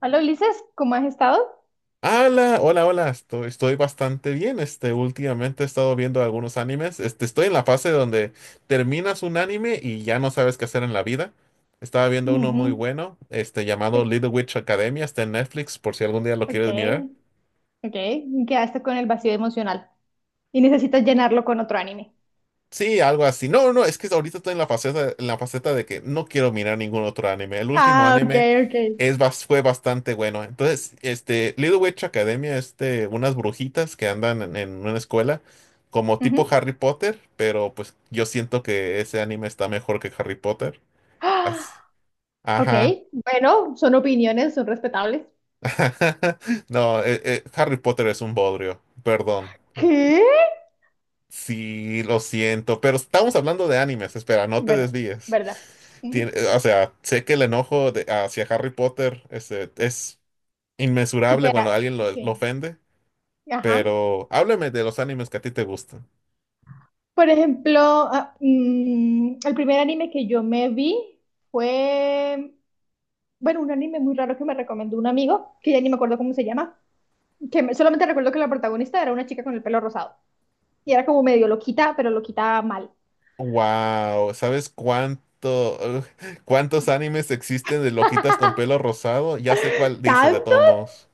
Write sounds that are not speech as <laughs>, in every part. Hola Ulises, ¿cómo has estado? Hola, hola, hola, estoy bastante bien. Últimamente he estado viendo algunos animes. Estoy en la fase donde terminas un anime y ya no sabes qué hacer en la vida. Estaba viendo uno muy Ujú. bueno, llamado te- Little Witch Academia, está en Netflix, por si algún día lo Ok, quieres mirar. ok. Quedaste con el vacío emocional y necesitas llenarlo con otro anime. Sí, algo así. No, no, es que ahorita estoy en la faceta, de que no quiero mirar ningún otro anime. El último Ah, ok, anime ok. fue bastante bueno. Entonces, Little Witch Academia, unas brujitas que andan en una escuela, como tipo Ujú. <gasps> Harry Potter, pero pues yo siento que ese anime está mejor que Harry Potter. Ah, Así- ok, Ajá. bueno, son opiniones, son respetables. <laughs> No, Harry Potter es un bodrio, perdón. ¿Qué? Sí, lo siento, pero estamos hablando de animes, espera, no te Bueno, desvíes. ¿verdad? Ujú. O sea, sé que el enojo hacia Harry Potter es inmesurable cuando Supera, alguien lo sí. ofende, Ajá. pero háblame de los animes que a ti te gustan. Por ejemplo, el primer anime que yo me vi fue, bueno, un anime muy raro que me recomendó un amigo, que ya ni me acuerdo cómo se llama. Solamente recuerdo que la protagonista era una chica con el pelo rosado y era como medio loquita, pero loquita mal. Wow, ¿sabes cuántos animes existen de loquitas con pelo <laughs> rosado? Ya sé cuál dice de ¿Tanto? todos modos.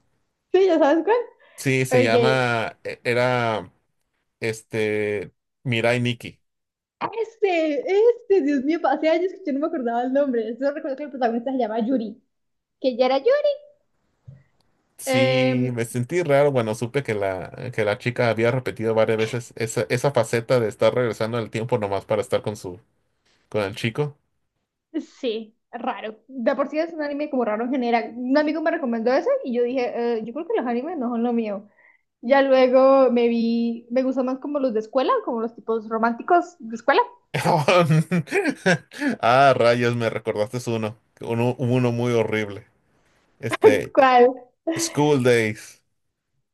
Sí, ya sabes cuál. Sí, se Ok. llama, era, este, Mirai Nikki. Dios mío, hace años que yo no me acordaba el nombre. Solo recuerdo que el protagonista se llama Yuri, que ya era Yuri. Sí, Em, me sentí raro. Bueno, supe que la chica había repetido varias veces esa faceta de estar regresando el tiempo nomás para estar con el chico. sí, raro. De por sí es un anime como raro en general. Un amigo me recomendó ese y yo dije, yo creo que los animes no son lo mío. Ya luego me vi, me gustan más como los de escuela, como los tipos románticos de escuela. <laughs> Ah, rayos, me recordaste uno muy horrible. Este, ¿Cuál? School Days.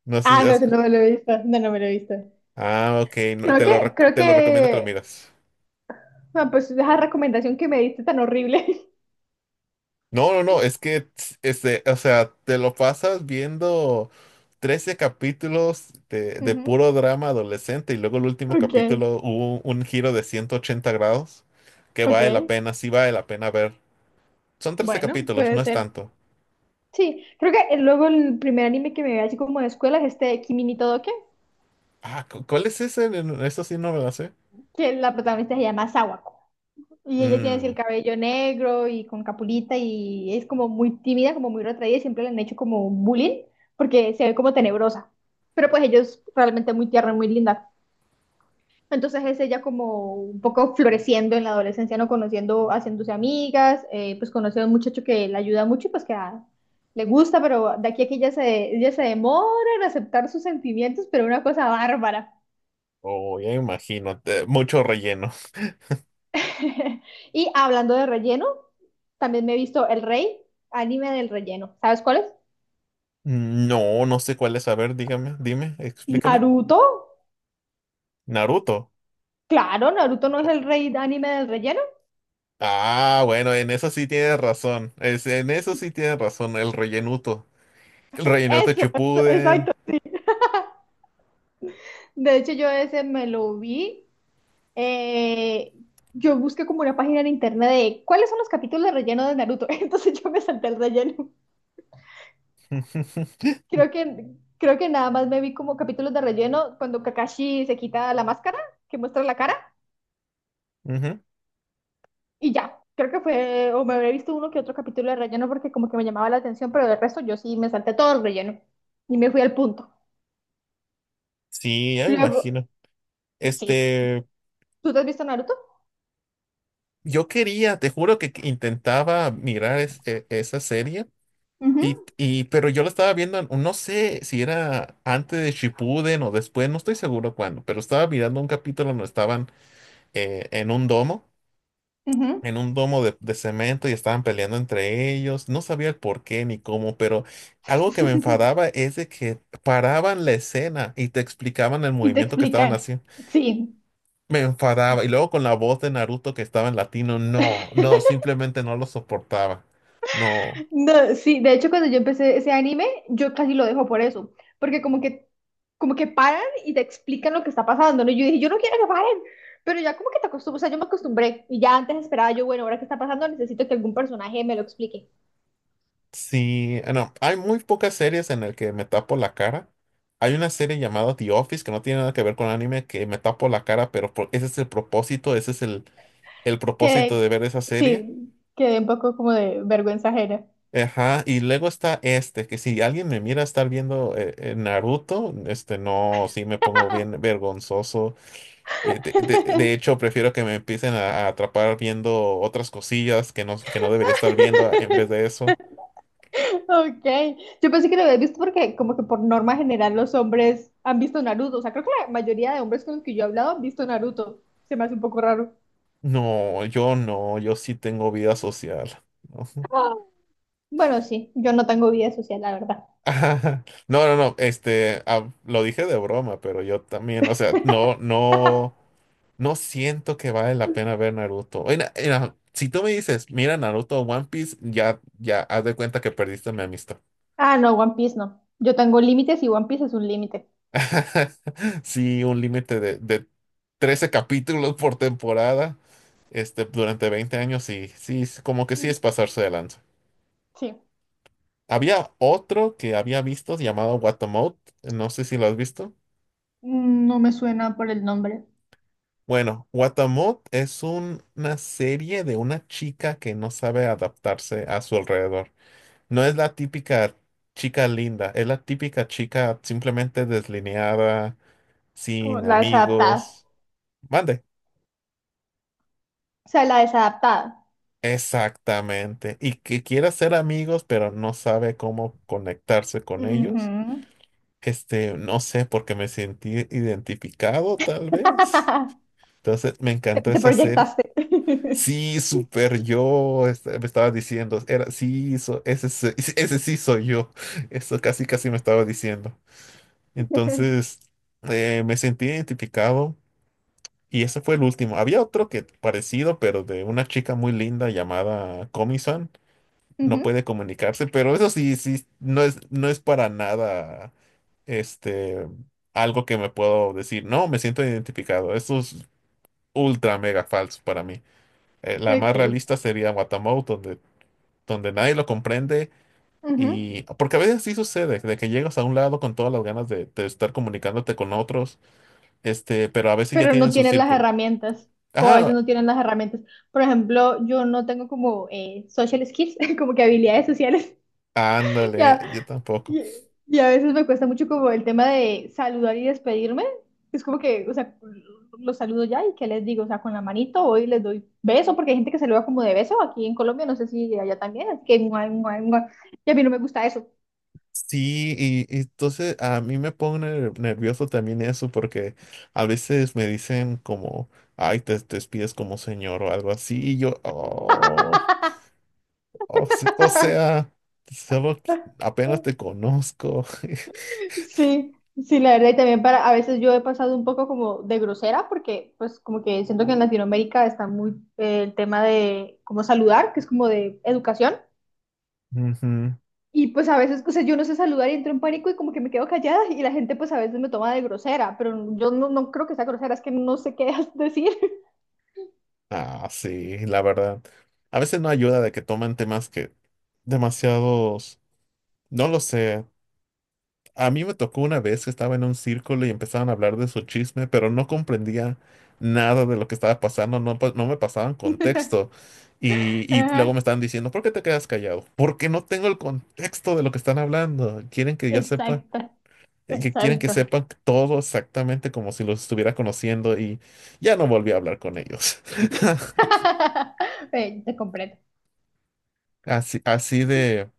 No sé si Ah, no, has-. ese no me lo he visto, no, no me lo he visto. Ah, ok, no, Creo que, creo te lo recomiendo que lo que, miras. ah, pues esa recomendación que me diste tan horrible. No, no, no, es que, o sea, te lo pasas viendo 13 capítulos de, <laughs> de Ujú. puro drama adolescente y luego el último Ok, capítulo hubo un giro de 180 grados que vale la ok, pena, sí vale la pena ver. Son trece bueno, capítulos, puede no es ser. tanto. Sí, creo que luego el primer anime que me vi así como de escuela es este de Kimi ni Todoke, Ah, ¿cuál es ese? Eso sí no me la sé. que la protagonista se llama Sawa. Y ella tiene así Mm, el cabello negro y con capulita y es como muy tímida, como muy retraída y siempre le han hecho como bullying porque se ve como tenebrosa. Pero pues ella es realmente muy tierna, y muy linda. Entonces es ella como un poco floreciendo en la adolescencia, ¿no? Conociendo, haciéndose amigas, pues conoce a un muchacho que le ayuda mucho y pues le gusta, pero de aquí a aquí ella se demora en aceptar sus sentimientos, pero una cosa bárbara. oh, ya imagino, mucho relleno. <laughs> Y hablando de relleno, también me he visto El Rey, anime del relleno. ¿Sabes cuál es? Mm, no, no sé cuál es, a ver, dígame, dime, explícame. Naruto. Naruto. Claro, Naruto no es el rey de anime del relleno. Ah, bueno, en eso sí tienes razón. En eso sí tienes razón, el rellenuto. El rellenuto Eso, eso, chipuden. exacto. De hecho, yo ese me lo vi. eh, yo busqué como una página en internet de cuáles son los capítulos de relleno de Naruto. <laughs> Entonces yo me salté el relleno. <laughs> Creo que, Creo que nada más me vi como capítulos de relleno cuando Kakashi se quita la máscara, que muestra la cara. Ujú. Y ya, creo que fue, o me habré visto uno que otro capítulo de relleno porque como que me llamaba la atención, pero del resto yo sí me salté todo el relleno y me fui al punto. Sí, ya me Luego, imagino. sí. Este, ¿Tú te has visto Naruto? yo quería, te juro que intentaba mirar esa serie, Ujú, pero yo la estaba viendo, no sé si era antes de Shippuden o después, no estoy seguro cuándo, pero estaba mirando un capítulo donde estaban eh, en un domo ujú. en un domo de cemento y estaban peleando entre ellos. No sabía el por qué ni cómo, pero algo que me <laughs> enfadaba es de que paraban la escena y te explicaban el Y te movimiento que estaban explican. haciendo. Sí. Me enfadaba. Y luego con la voz de Naruto que estaba en latino, no, no, <laughs> simplemente no lo soportaba. No, No, sí, de hecho cuando yo empecé ese anime, yo casi lo dejo por eso, porque como que, como que paran y te explican lo que está pasando, ¿no? Y yo dije, yo no quiero que paren, pero ya como que te acostumbras, o sea, yo me acostumbré y ya antes esperaba yo, bueno, ahora qué está pasando, necesito que algún personaje me lo explique. sí, no. Hay muy pocas series en las que me tapo la cara. Hay una serie llamada The Office que no tiene nada que ver con anime, que me tapo la cara, pero ese es el propósito, ese es el propósito Que de ver esa serie. sí, quedé un poco como de vergüenza ajena. Ajá, y luego está este, que si alguien me mira estar viendo Naruto, no, sí me pongo bien vergonzoso. De de hecho, prefiero que me empiecen a atrapar viendo otras cosillas que no debería estar viendo en vez de <laughs> eso. Ok, yo pensé que lo habías visto porque como que por norma general los hombres han visto Naruto. O sea, creo que la mayoría de hombres con los que yo he hablado han visto Naruto. Se me hace un poco raro. No, yo no, yo sí tengo vida social. Ujú. Ah. Bueno, sí, yo no tengo vida social, la verdad. <laughs> Ajá. No, no, no, lo dije de broma, pero yo también, o sea, no, no. No siento que vale la pena ver Naruto. Si tú me dices, mira Naruto o One Piece, ya haz de cuenta que perdiste mi amistad. Ah, no, One Piece no. Yo tengo límites y One Piece es un límite. <laughs> Sí, un límite de 13 capítulos por temporada, durante 20 años, sí, sí, es como que sí Mm, es pasarse de lanza. sí, Había otro que había visto llamado Watamote, no sé si lo has visto. mm, no me suena por el nombre. Bueno, Watamote es una serie de una chica que no sabe adaptarse a su alrededor. No es la típica chica linda, es la típica chica simplemente deslineada, Como sin la desadaptada. amigos. Mande. O sea, la desadaptada. Exactamente. Y que quiere ser amigos, pero no sabe cómo conectarse con ellos. Ujú. No sé, porque me sentí identificado, tal vez. <laughs> Entonces, me Te, encantó te esa serie. proyectaste. <laughs> Sí, super yo, me estaba diciendo, era, sí, ese sí soy yo. Eso casi, casi me estaba diciendo. Entonces me sentí identificado y ese fue el último. Había otro que parecido, pero de una chica muy linda llamada Comisan. No Ujú, puede comunicarse, pero eso sí, sí, no es para nada este, algo que me puedo decir. No, me siento identificado. Eso es ultra mega falso para mí. La más ok, realista sería Watamote, donde nadie lo comprende. ujú. Y porque a veces sí sucede, de que llegas a un lado con todas las ganas de estar comunicándote con otros. Pero a veces ya Pero tienen no su tienes las círculo. herramientas, o a veces Ah, no tienen las herramientas. Por ejemplo, yo no tengo como social skills, <laughs> como que habilidades sociales. <laughs> ándale, Ya, yo tampoco. y, y a veces me cuesta mucho como el tema de saludar y despedirme. Es como que, o sea, los saludo ya y qué les digo, o sea, con la manito voy y les doy beso, porque hay gente que se saluda como de beso aquí en Colombia, no sé si allá también, así que guay, guay, guay. Y a mí no me gusta eso. Sí, y entonces a mí me pone nervioso también eso porque a veces me dicen como, ay, te despides como señor o algo así, y yo, "Oh, o <laughs> sea, apenas te conozco." <laughs> Sí, sí, la verdad, y también para, a veces yo he pasado un poco como de grosera, porque pues como que siento que en Latinoamérica está muy el tema de cómo saludar, que es como de educación, Ujú. y pues a veces, o sea, yo no sé saludar y entro en pánico y como que me quedo callada y la gente pues a veces me toma de grosera, pero yo no, no creo que sea grosera, es que no sé qué <laughs> decir. Ah, sí, la verdad. A veces no ayuda de que toman temas que demasiados, no lo sé. A mí me tocó una vez que estaba en un círculo y empezaban a hablar de su chisme, pero no comprendía nada de lo que estaba pasando, no, no me pasaban contexto. <laughs> Y luego me Ajá, estaban diciendo, ¿por qué te quedas callado? Porque no tengo el contexto de lo que están hablando. Quieren que ya sepa, exacto, que quieren que exacto. sepan todo exactamente como si los estuviera conociendo y ya no volví a hablar con ellos. <laughs> <laughs> Te comprendo. Así, así de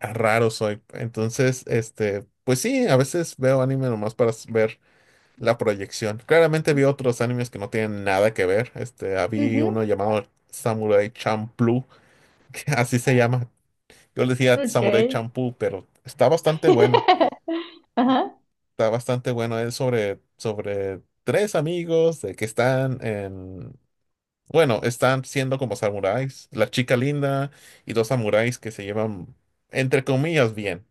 raro soy. Entonces, pues sí, a veces veo anime nomás para ver la proyección. Claramente vi otros animes que no tienen nada que ver. Había Ujú, uno llamado Samurai Champloo, <laughs> que así se llama. Yo le decía ok. Samurai Champloo, pero está bastante bueno. <laughs> Ajá, Está bastante bueno. Es sobre tres amigos de que están en... Bueno, están siendo como samuráis. La chica linda y dos samuráis que se llevan, entre comillas, bien.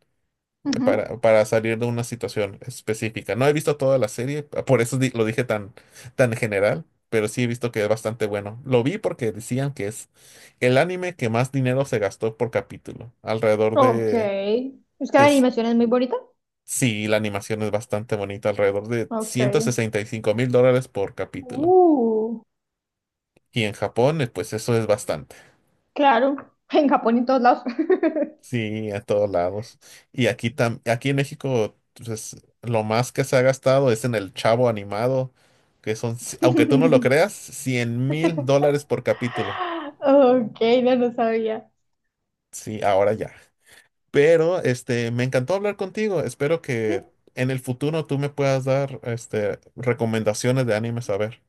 eh, ujú. para, para salir de una situación específica. No he visto toda la serie, por eso lo dije tan general, pero sí he visto que es bastante bueno. Lo vi porque decían que es el anime que más dinero se gastó por capítulo, alrededor Ok. de... Es que de la s- animación es muy bonita. sí, la animación es bastante bonita, alrededor de Ok. $165,000 por capítulo. Uh, Y en Japón, pues eso es bastante. claro. <laughs> En Japón y en todos lados. Sí, a todos lados. Y aquí, aquí en México, pues, lo más que se ha gastado es en el Chavo animado, que son, aunque tú no lo creas, <laughs> $100,000 por capítulo. Ok, no lo sabía. Sí, ahora ya. Pero, me encantó hablar contigo. Espero Sí, que en el futuro tú me puedas dar, recomendaciones de animes a ver.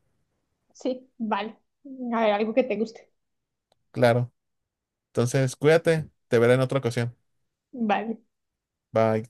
sí, vale. A ver, algo que te guste. Claro. Entonces, cuídate. Te veré en otra ocasión. Vale. Bye.